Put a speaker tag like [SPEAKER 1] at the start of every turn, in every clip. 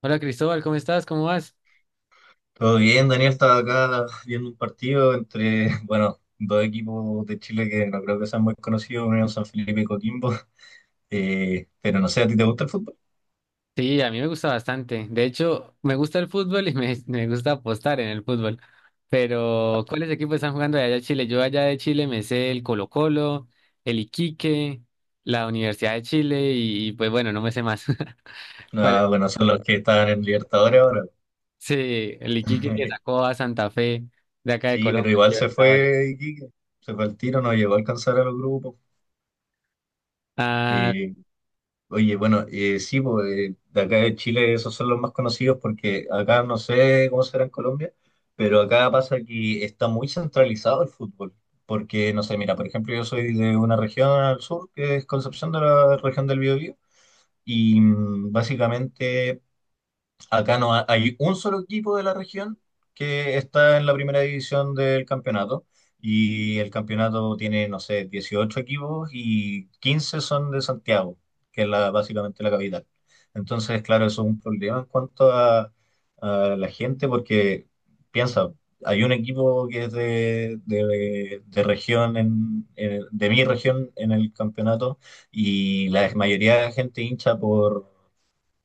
[SPEAKER 1] Hola Cristóbal, ¿cómo estás? ¿Cómo vas?
[SPEAKER 2] Todo bien, Daniel estaba acá viendo un partido entre, bueno, dos equipos de Chile que no creo que sean muy conocidos, Unión San Felipe y Coquimbo. Pero no sé, ¿a ti te gusta el fútbol?
[SPEAKER 1] Sí, a mí me gusta bastante. De hecho, me gusta el fútbol y me gusta apostar en el fútbol. Pero, ¿cuáles equipos están jugando de allá de Chile? Yo allá de Chile me sé el Colo-Colo, el Iquique, la Universidad de Chile y, pues bueno, no me sé más. ¿Cuál es?
[SPEAKER 2] Ah, bueno, son los que están en Libertadores ahora.
[SPEAKER 1] Sí, el Iquique que sacó a Santa Fe de acá de
[SPEAKER 2] Sí, pero
[SPEAKER 1] Colombia.
[SPEAKER 2] igual se fue Iquique, se fue al tiro, no llegó a alcanzar a los grupos.
[SPEAKER 1] Ahora-
[SPEAKER 2] Eh, Oye, bueno, sí, pues, de acá de Chile esos son los más conocidos, porque acá no sé cómo será en Colombia, pero acá pasa que está muy centralizado el fútbol. Porque, no sé, mira, por ejemplo, yo soy de una región al sur, que es Concepción, de la región del Biobío, y básicamente acá no hay un solo equipo de la región que está en la primera división del campeonato, y el campeonato tiene, no sé, 18 equipos y 15 son de Santiago, que es la, básicamente la capital. Entonces, claro, eso es un problema en cuanto a, la gente, porque piensa, hay un equipo que es de región, de mi región en el campeonato, y la mayoría de la gente hincha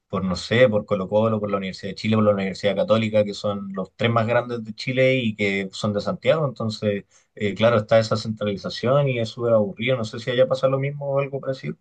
[SPEAKER 2] por, no sé, por Colo Colo, por la Universidad de Chile, por la Universidad Católica, que son los tres más grandes de Chile y que son de Santiago. Entonces, claro, está esa centralización y es súper aburrido. No sé si allá pasa lo mismo o algo parecido.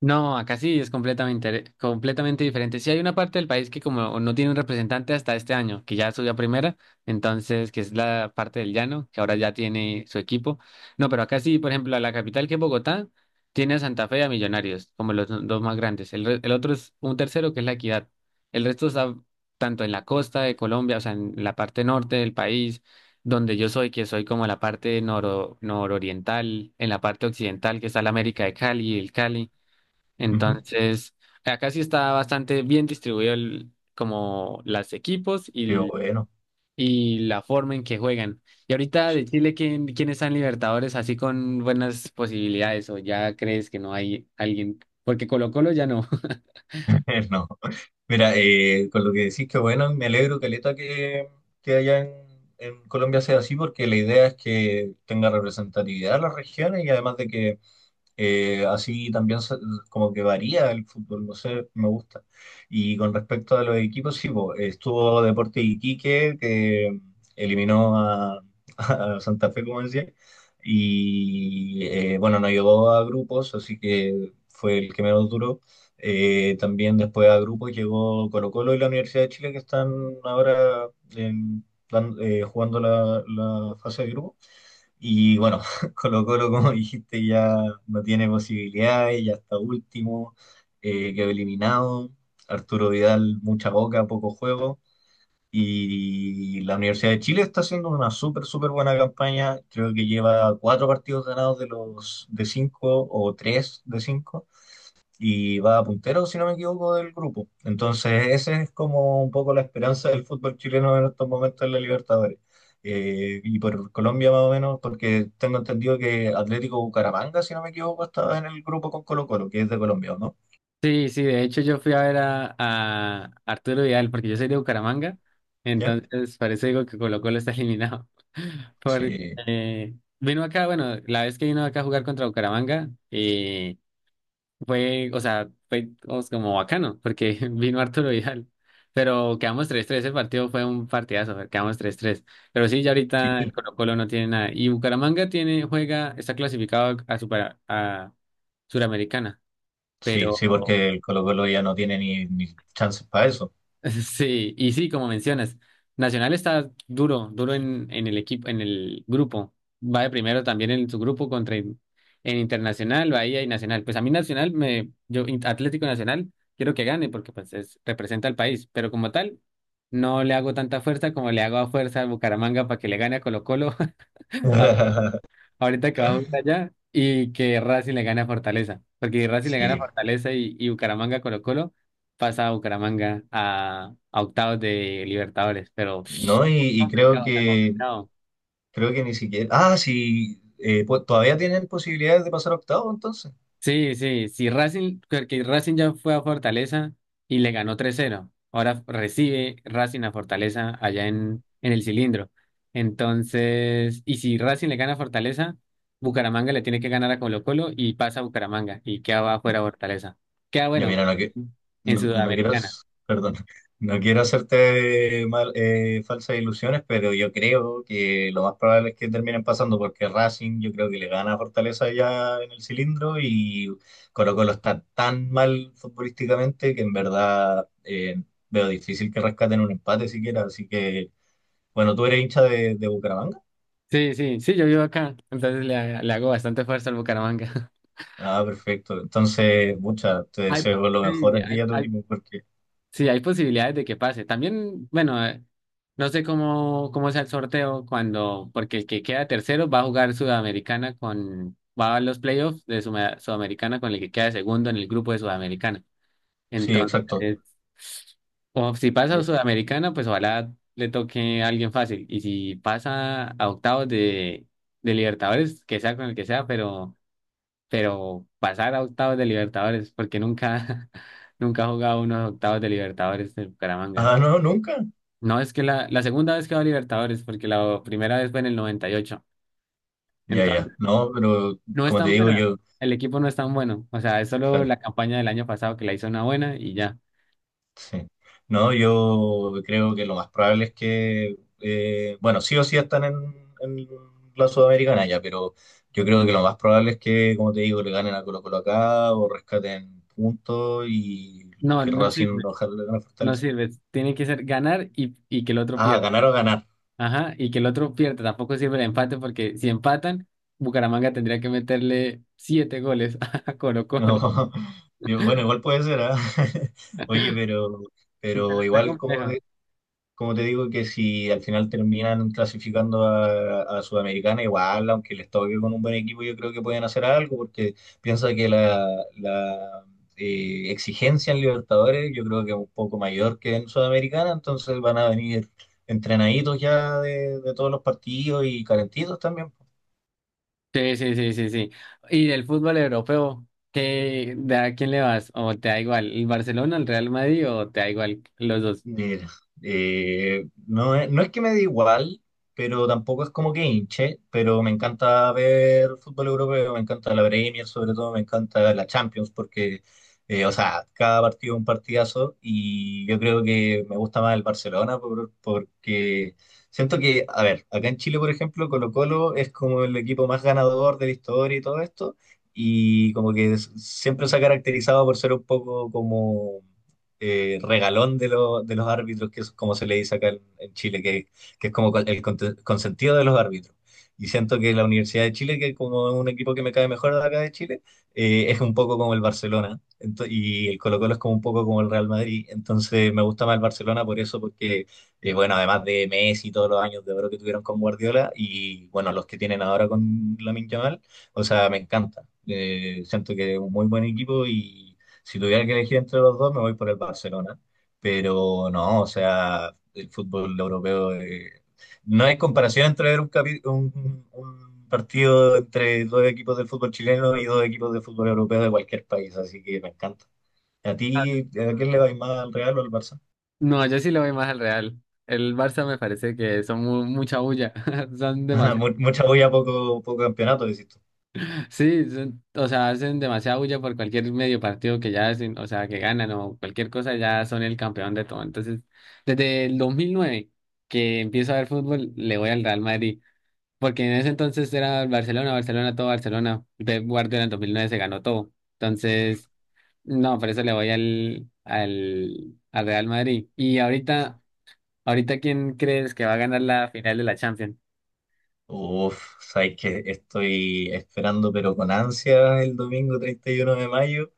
[SPEAKER 1] No, acá sí es completamente, completamente diferente. Sí hay una parte del país que como no tiene un representante hasta este año, que ya subió a primera, entonces que es la parte del llano, que ahora ya tiene su equipo. No, pero acá sí, por ejemplo, a la capital que es Bogotá, tiene a Santa Fe y a Millonarios, como los dos más grandes. El otro es un tercero que es La Equidad. El resto está tanto en la costa de Colombia, o sea, en la parte norte del país, donde yo soy, que soy como la parte nororiental, en la parte occidental, que está la América de Cali, el Cali.
[SPEAKER 2] Ujú.
[SPEAKER 1] Entonces, acá sí está bastante bien distribuido como los equipos y,
[SPEAKER 2] Pero
[SPEAKER 1] l-
[SPEAKER 2] bueno,
[SPEAKER 1] y la forma en que juegan. Y ahorita de Chile, quiénes están Libertadores así con buenas posibilidades? ¿O ya crees que no hay alguien? Porque Colo-Colo ya no.
[SPEAKER 2] no. Mira, con lo que decís, que bueno, me alegro, Caleta, que, allá en Colombia sea así, porque la idea es que tenga representatividad las regiones, y además de que así también como que varía el fútbol, no sé, me gusta. Y con respecto a los equipos, sí, po, estuvo Deporte Iquique, que eliminó a, a Santa Fe, como decía, y bueno, no llegó a grupos, así que fue el que menos duró. También después a grupos llegó Colo-Colo y la Universidad de Chile, que están ahora jugando la fase de grupo. Y bueno, Colo Colo, como dijiste, ya no tiene posibilidades, ya está último, quedó eliminado. Arturo Vidal, mucha boca, poco juego. Y la Universidad de Chile está haciendo una súper, súper buena campaña. Creo que lleva cuatro partidos ganados de los de cinco, o tres de cinco, y va puntero, si no me equivoco, del grupo. Entonces, esa es como un poco la esperanza del fútbol chileno en estos momentos en la Libertadores. Y por Colombia más o menos, porque tengo entendido que Atlético Bucaramanga, si no me equivoco, estaba en el grupo con Colo-Colo, que es de Colombia, ¿o no?
[SPEAKER 1] Sí, sí, de hecho yo fui a ver a Arturo Vidal porque yo soy de Bucaramanga,
[SPEAKER 2] ¿Ya?
[SPEAKER 1] entonces parece digo que Colo-Colo está eliminado.
[SPEAKER 2] Sí,
[SPEAKER 1] Porque vino acá, bueno, la vez que vino acá a jugar contra Bucaramanga. Fue, o sea, fue digamos, como bacano, porque vino Arturo Vidal. Pero quedamos 3-3. El partido fue un partidazo, quedamos 3-3. Pero sí, ya ahorita el
[SPEAKER 2] sí,
[SPEAKER 1] Colo-Colo no tiene nada. Y Bucaramanga tiene, juega, está clasificado a, super, a Suramericana,
[SPEAKER 2] sí, sí,
[SPEAKER 1] pero
[SPEAKER 2] porque el Colo-Colo ya no tiene ni, chances para eso.
[SPEAKER 1] sí, y sí, como mencionas, Nacional está duro, duro en el equipo, en el grupo. Va de primero también en su grupo contra en Internacional, Bahía y Nacional. Pues a mí Nacional Atlético Nacional quiero que gane porque pues representa al país, pero como tal no le hago tanta fuerza como le hago a fuerza a Bucaramanga para que le gane a Colo-Colo ahorita que va a jugar allá y que Racing le gane a Fortaleza. Porque si Racing le gana a
[SPEAKER 2] Sí,
[SPEAKER 1] Fortaleza y Bucaramanga Colo Colo, pasa a Bucaramanga a octavos de Libertadores. Pero
[SPEAKER 2] no, y, y creo
[SPEAKER 1] está
[SPEAKER 2] que
[SPEAKER 1] complicado.
[SPEAKER 2] creo que ni siquiera. Ah, sí, pues todavía tienen posibilidades de pasar a octavo, entonces.
[SPEAKER 1] Sí, sí, si Racing, porque Racing ya fue a Fortaleza y le ganó 3-0. Ahora recibe Racing a Fortaleza allá en el cilindro. Entonces, y si Racing le gana a Fortaleza, Bucaramanga le tiene que ganar a Colo-Colo y pasa a Bucaramanga y queda afuera Fortaleza. Queda
[SPEAKER 2] Ya
[SPEAKER 1] bueno
[SPEAKER 2] mira, no,
[SPEAKER 1] en
[SPEAKER 2] no, no quiero,
[SPEAKER 1] Sudamericana.
[SPEAKER 2] perdón, no quiero hacerte mal, falsas ilusiones, pero yo creo que lo más probable es que terminen pasando, porque Racing yo creo que le gana a Fortaleza ya en el cilindro, y Colo Colo está tan mal futbolísticamente que en verdad, veo difícil que rescaten un empate siquiera. Así que, bueno, tú eres hincha de, Bucaramanga.
[SPEAKER 1] Sí, sí, sí, yo vivo acá, entonces le hago bastante fuerza al Bucaramanga.
[SPEAKER 2] Ah, perfecto. Entonces, te
[SPEAKER 1] Hay,
[SPEAKER 2] deseo lo mejor
[SPEAKER 1] sí,
[SPEAKER 2] a ti y a tu equipo, porque,
[SPEAKER 1] Sí, hay posibilidades de que pase. También, bueno, no sé cómo sea el sorteo cuando, porque el que queda tercero va a jugar Sudamericana va a los playoffs de Sudamericana con el que queda segundo en el grupo de Sudamericana.
[SPEAKER 2] sí, exacto.
[SPEAKER 1] Entonces, o si pasa a Sudamericana, pues ojalá le toque a alguien fácil. Y si pasa a octavos de Libertadores, que sea con el que sea, pero pasar a octavos de Libertadores, porque nunca, nunca ha jugado unos octavos de Libertadores de Bucaramanga.
[SPEAKER 2] Ah, no, nunca.
[SPEAKER 1] No, es que la segunda vez que va a Libertadores, porque la primera vez fue en el noventa y ocho.
[SPEAKER 2] Ya, ya.
[SPEAKER 1] Entonces,
[SPEAKER 2] No, pero
[SPEAKER 1] no es
[SPEAKER 2] como te
[SPEAKER 1] tan
[SPEAKER 2] digo,
[SPEAKER 1] buena.
[SPEAKER 2] yo,
[SPEAKER 1] El equipo no es tan bueno. O sea, es solo
[SPEAKER 2] claro,
[SPEAKER 1] la campaña del año pasado que la hizo una buena y ya.
[SPEAKER 2] sí. No, yo creo que lo más probable es que, bueno, sí o sí están en, la Sudamericana ya, pero yo creo que lo más probable es que, como te digo, le ganen a Colo Colo acá o rescaten puntos, y
[SPEAKER 1] No,
[SPEAKER 2] que
[SPEAKER 1] no
[SPEAKER 2] Racing
[SPEAKER 1] sirve.
[SPEAKER 2] ojalá le gane a
[SPEAKER 1] No
[SPEAKER 2] Fortaleza.
[SPEAKER 1] sirve. Tiene que ser ganar y que el otro
[SPEAKER 2] Ah,
[SPEAKER 1] pierda.
[SPEAKER 2] ganar o ganar.
[SPEAKER 1] Ajá, y que el otro pierda. Tampoco sirve el empate porque si empatan, Bucaramanga tendría que meterle siete goles a Colo
[SPEAKER 2] No.
[SPEAKER 1] Colo.
[SPEAKER 2] Bueno, igual puede ser, ¿ah? Oye, pero,
[SPEAKER 1] Pero
[SPEAKER 2] pero
[SPEAKER 1] está
[SPEAKER 2] igual como,
[SPEAKER 1] complejo.
[SPEAKER 2] como te digo, que si al final terminan clasificando a Sudamericana, igual, aunque les toque con un buen equipo, yo creo que pueden hacer algo, porque piensa que la exigencia en Libertadores yo creo que es un poco mayor que en Sudamericana, entonces van a venir entrenaditos ya de todos los partidos y calentitos también.
[SPEAKER 1] Sí, sí, sí, sí, sí. Y del fútbol europeo, de a quién le vas? ¿O te da igual el Barcelona, el Real Madrid o te da igual los dos?
[SPEAKER 2] Mira, no es que me dé igual, pero tampoco es como que hinche, pero me encanta ver fútbol europeo, me encanta la Premier, sobre todo me encanta la Champions, porque, o sea, cada partido es un partidazo, y yo creo que me gusta más el Barcelona porque siento que, a ver, acá en Chile, por ejemplo, Colo-Colo es como el equipo más ganador de la historia y todo esto, y como que siempre se ha caracterizado por ser un poco como, regalón de los árbitros, que es como se le dice acá en, Chile, que es como el consentido de los árbitros. Y siento que la Universidad de Chile, que como es un equipo que me cae mejor de acá de Chile, es un poco como el Barcelona. Y el Colo-Colo es como un poco como el Real Madrid. Entonces me gusta más el Barcelona por eso, porque, bueno, además de Messi, todos los años de oro que tuvieron con Guardiola, y, bueno, los que tienen ahora con Lamine Yamal, o sea, me encanta. Siento que es un muy buen equipo, y si tuviera que elegir entre los dos, me voy por el Barcelona. Pero no, o sea, el fútbol europeo, no hay comparación entre ver un partido entre dos equipos del fútbol chileno y dos equipos de fútbol europeo de cualquier país, así que me encanta. ¿A
[SPEAKER 1] Ah,
[SPEAKER 2] ti, a quién le vais más, al Real o al Barça?
[SPEAKER 1] no, yo sí lo voy más al Real. El Barça me parece que son mucha bulla. Son
[SPEAKER 2] Ajá,
[SPEAKER 1] demasiado.
[SPEAKER 2] mucha bulla, poco, poco campeonato, decís tú.
[SPEAKER 1] Sí, o sea, hacen demasiada bulla por cualquier medio partido que ya hacen, o sea, que ganan o cualquier cosa, ya son el campeón de todo. Entonces, desde el 2009 que empiezo a ver fútbol, le voy al Real Madrid. Porque en ese entonces era Barcelona, Barcelona, todo Barcelona. Pep Guardiola en 2009 se ganó todo. Entonces, no, por eso le voy al Real Madrid. Y ahorita, ¿quién crees que va a ganar la final de la Champions?
[SPEAKER 2] Uf, sabéis que estoy esperando, pero con ansia, el domingo 31 de mayo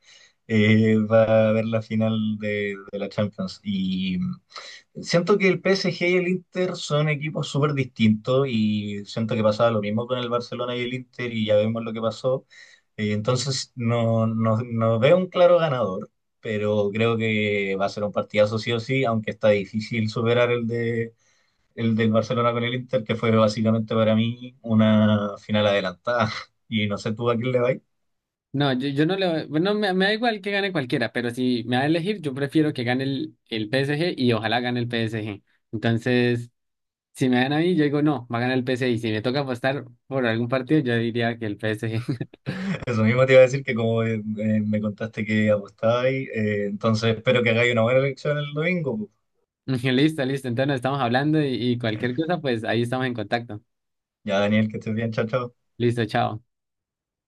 [SPEAKER 2] va a haber la final de, la Champions. Y siento que el PSG y el Inter son equipos súper distintos. Y siento que pasaba lo mismo con el Barcelona y el Inter, y ya vemos lo que pasó. Entonces, no, no, no veo un claro ganador, pero creo que va a ser un partidazo sí o sí, aunque está difícil superar el del Barcelona con el Inter, que fue básicamente para mí una final adelantada. Y no sé tú a quién le vais.
[SPEAKER 1] No, yo no le voy, bueno, me da igual que gane cualquiera, pero si me va a elegir, yo prefiero que gane el PSG y ojalá gane el PSG. Entonces, si me dan a mí, yo digo, no, va a ganar el PSG. Y si me toca apostar por algún partido, yo diría que el PSG.
[SPEAKER 2] Eso mismo te iba a decir, que como me contaste que apostabais, entonces espero que hagáis una buena elección el domingo, pues.
[SPEAKER 1] Listo, listo. Entonces nos estamos hablando y cualquier cosa, pues ahí estamos en contacto.
[SPEAKER 2] Ya, Daniel, que estés bien, chao, chao.
[SPEAKER 1] Listo, chao.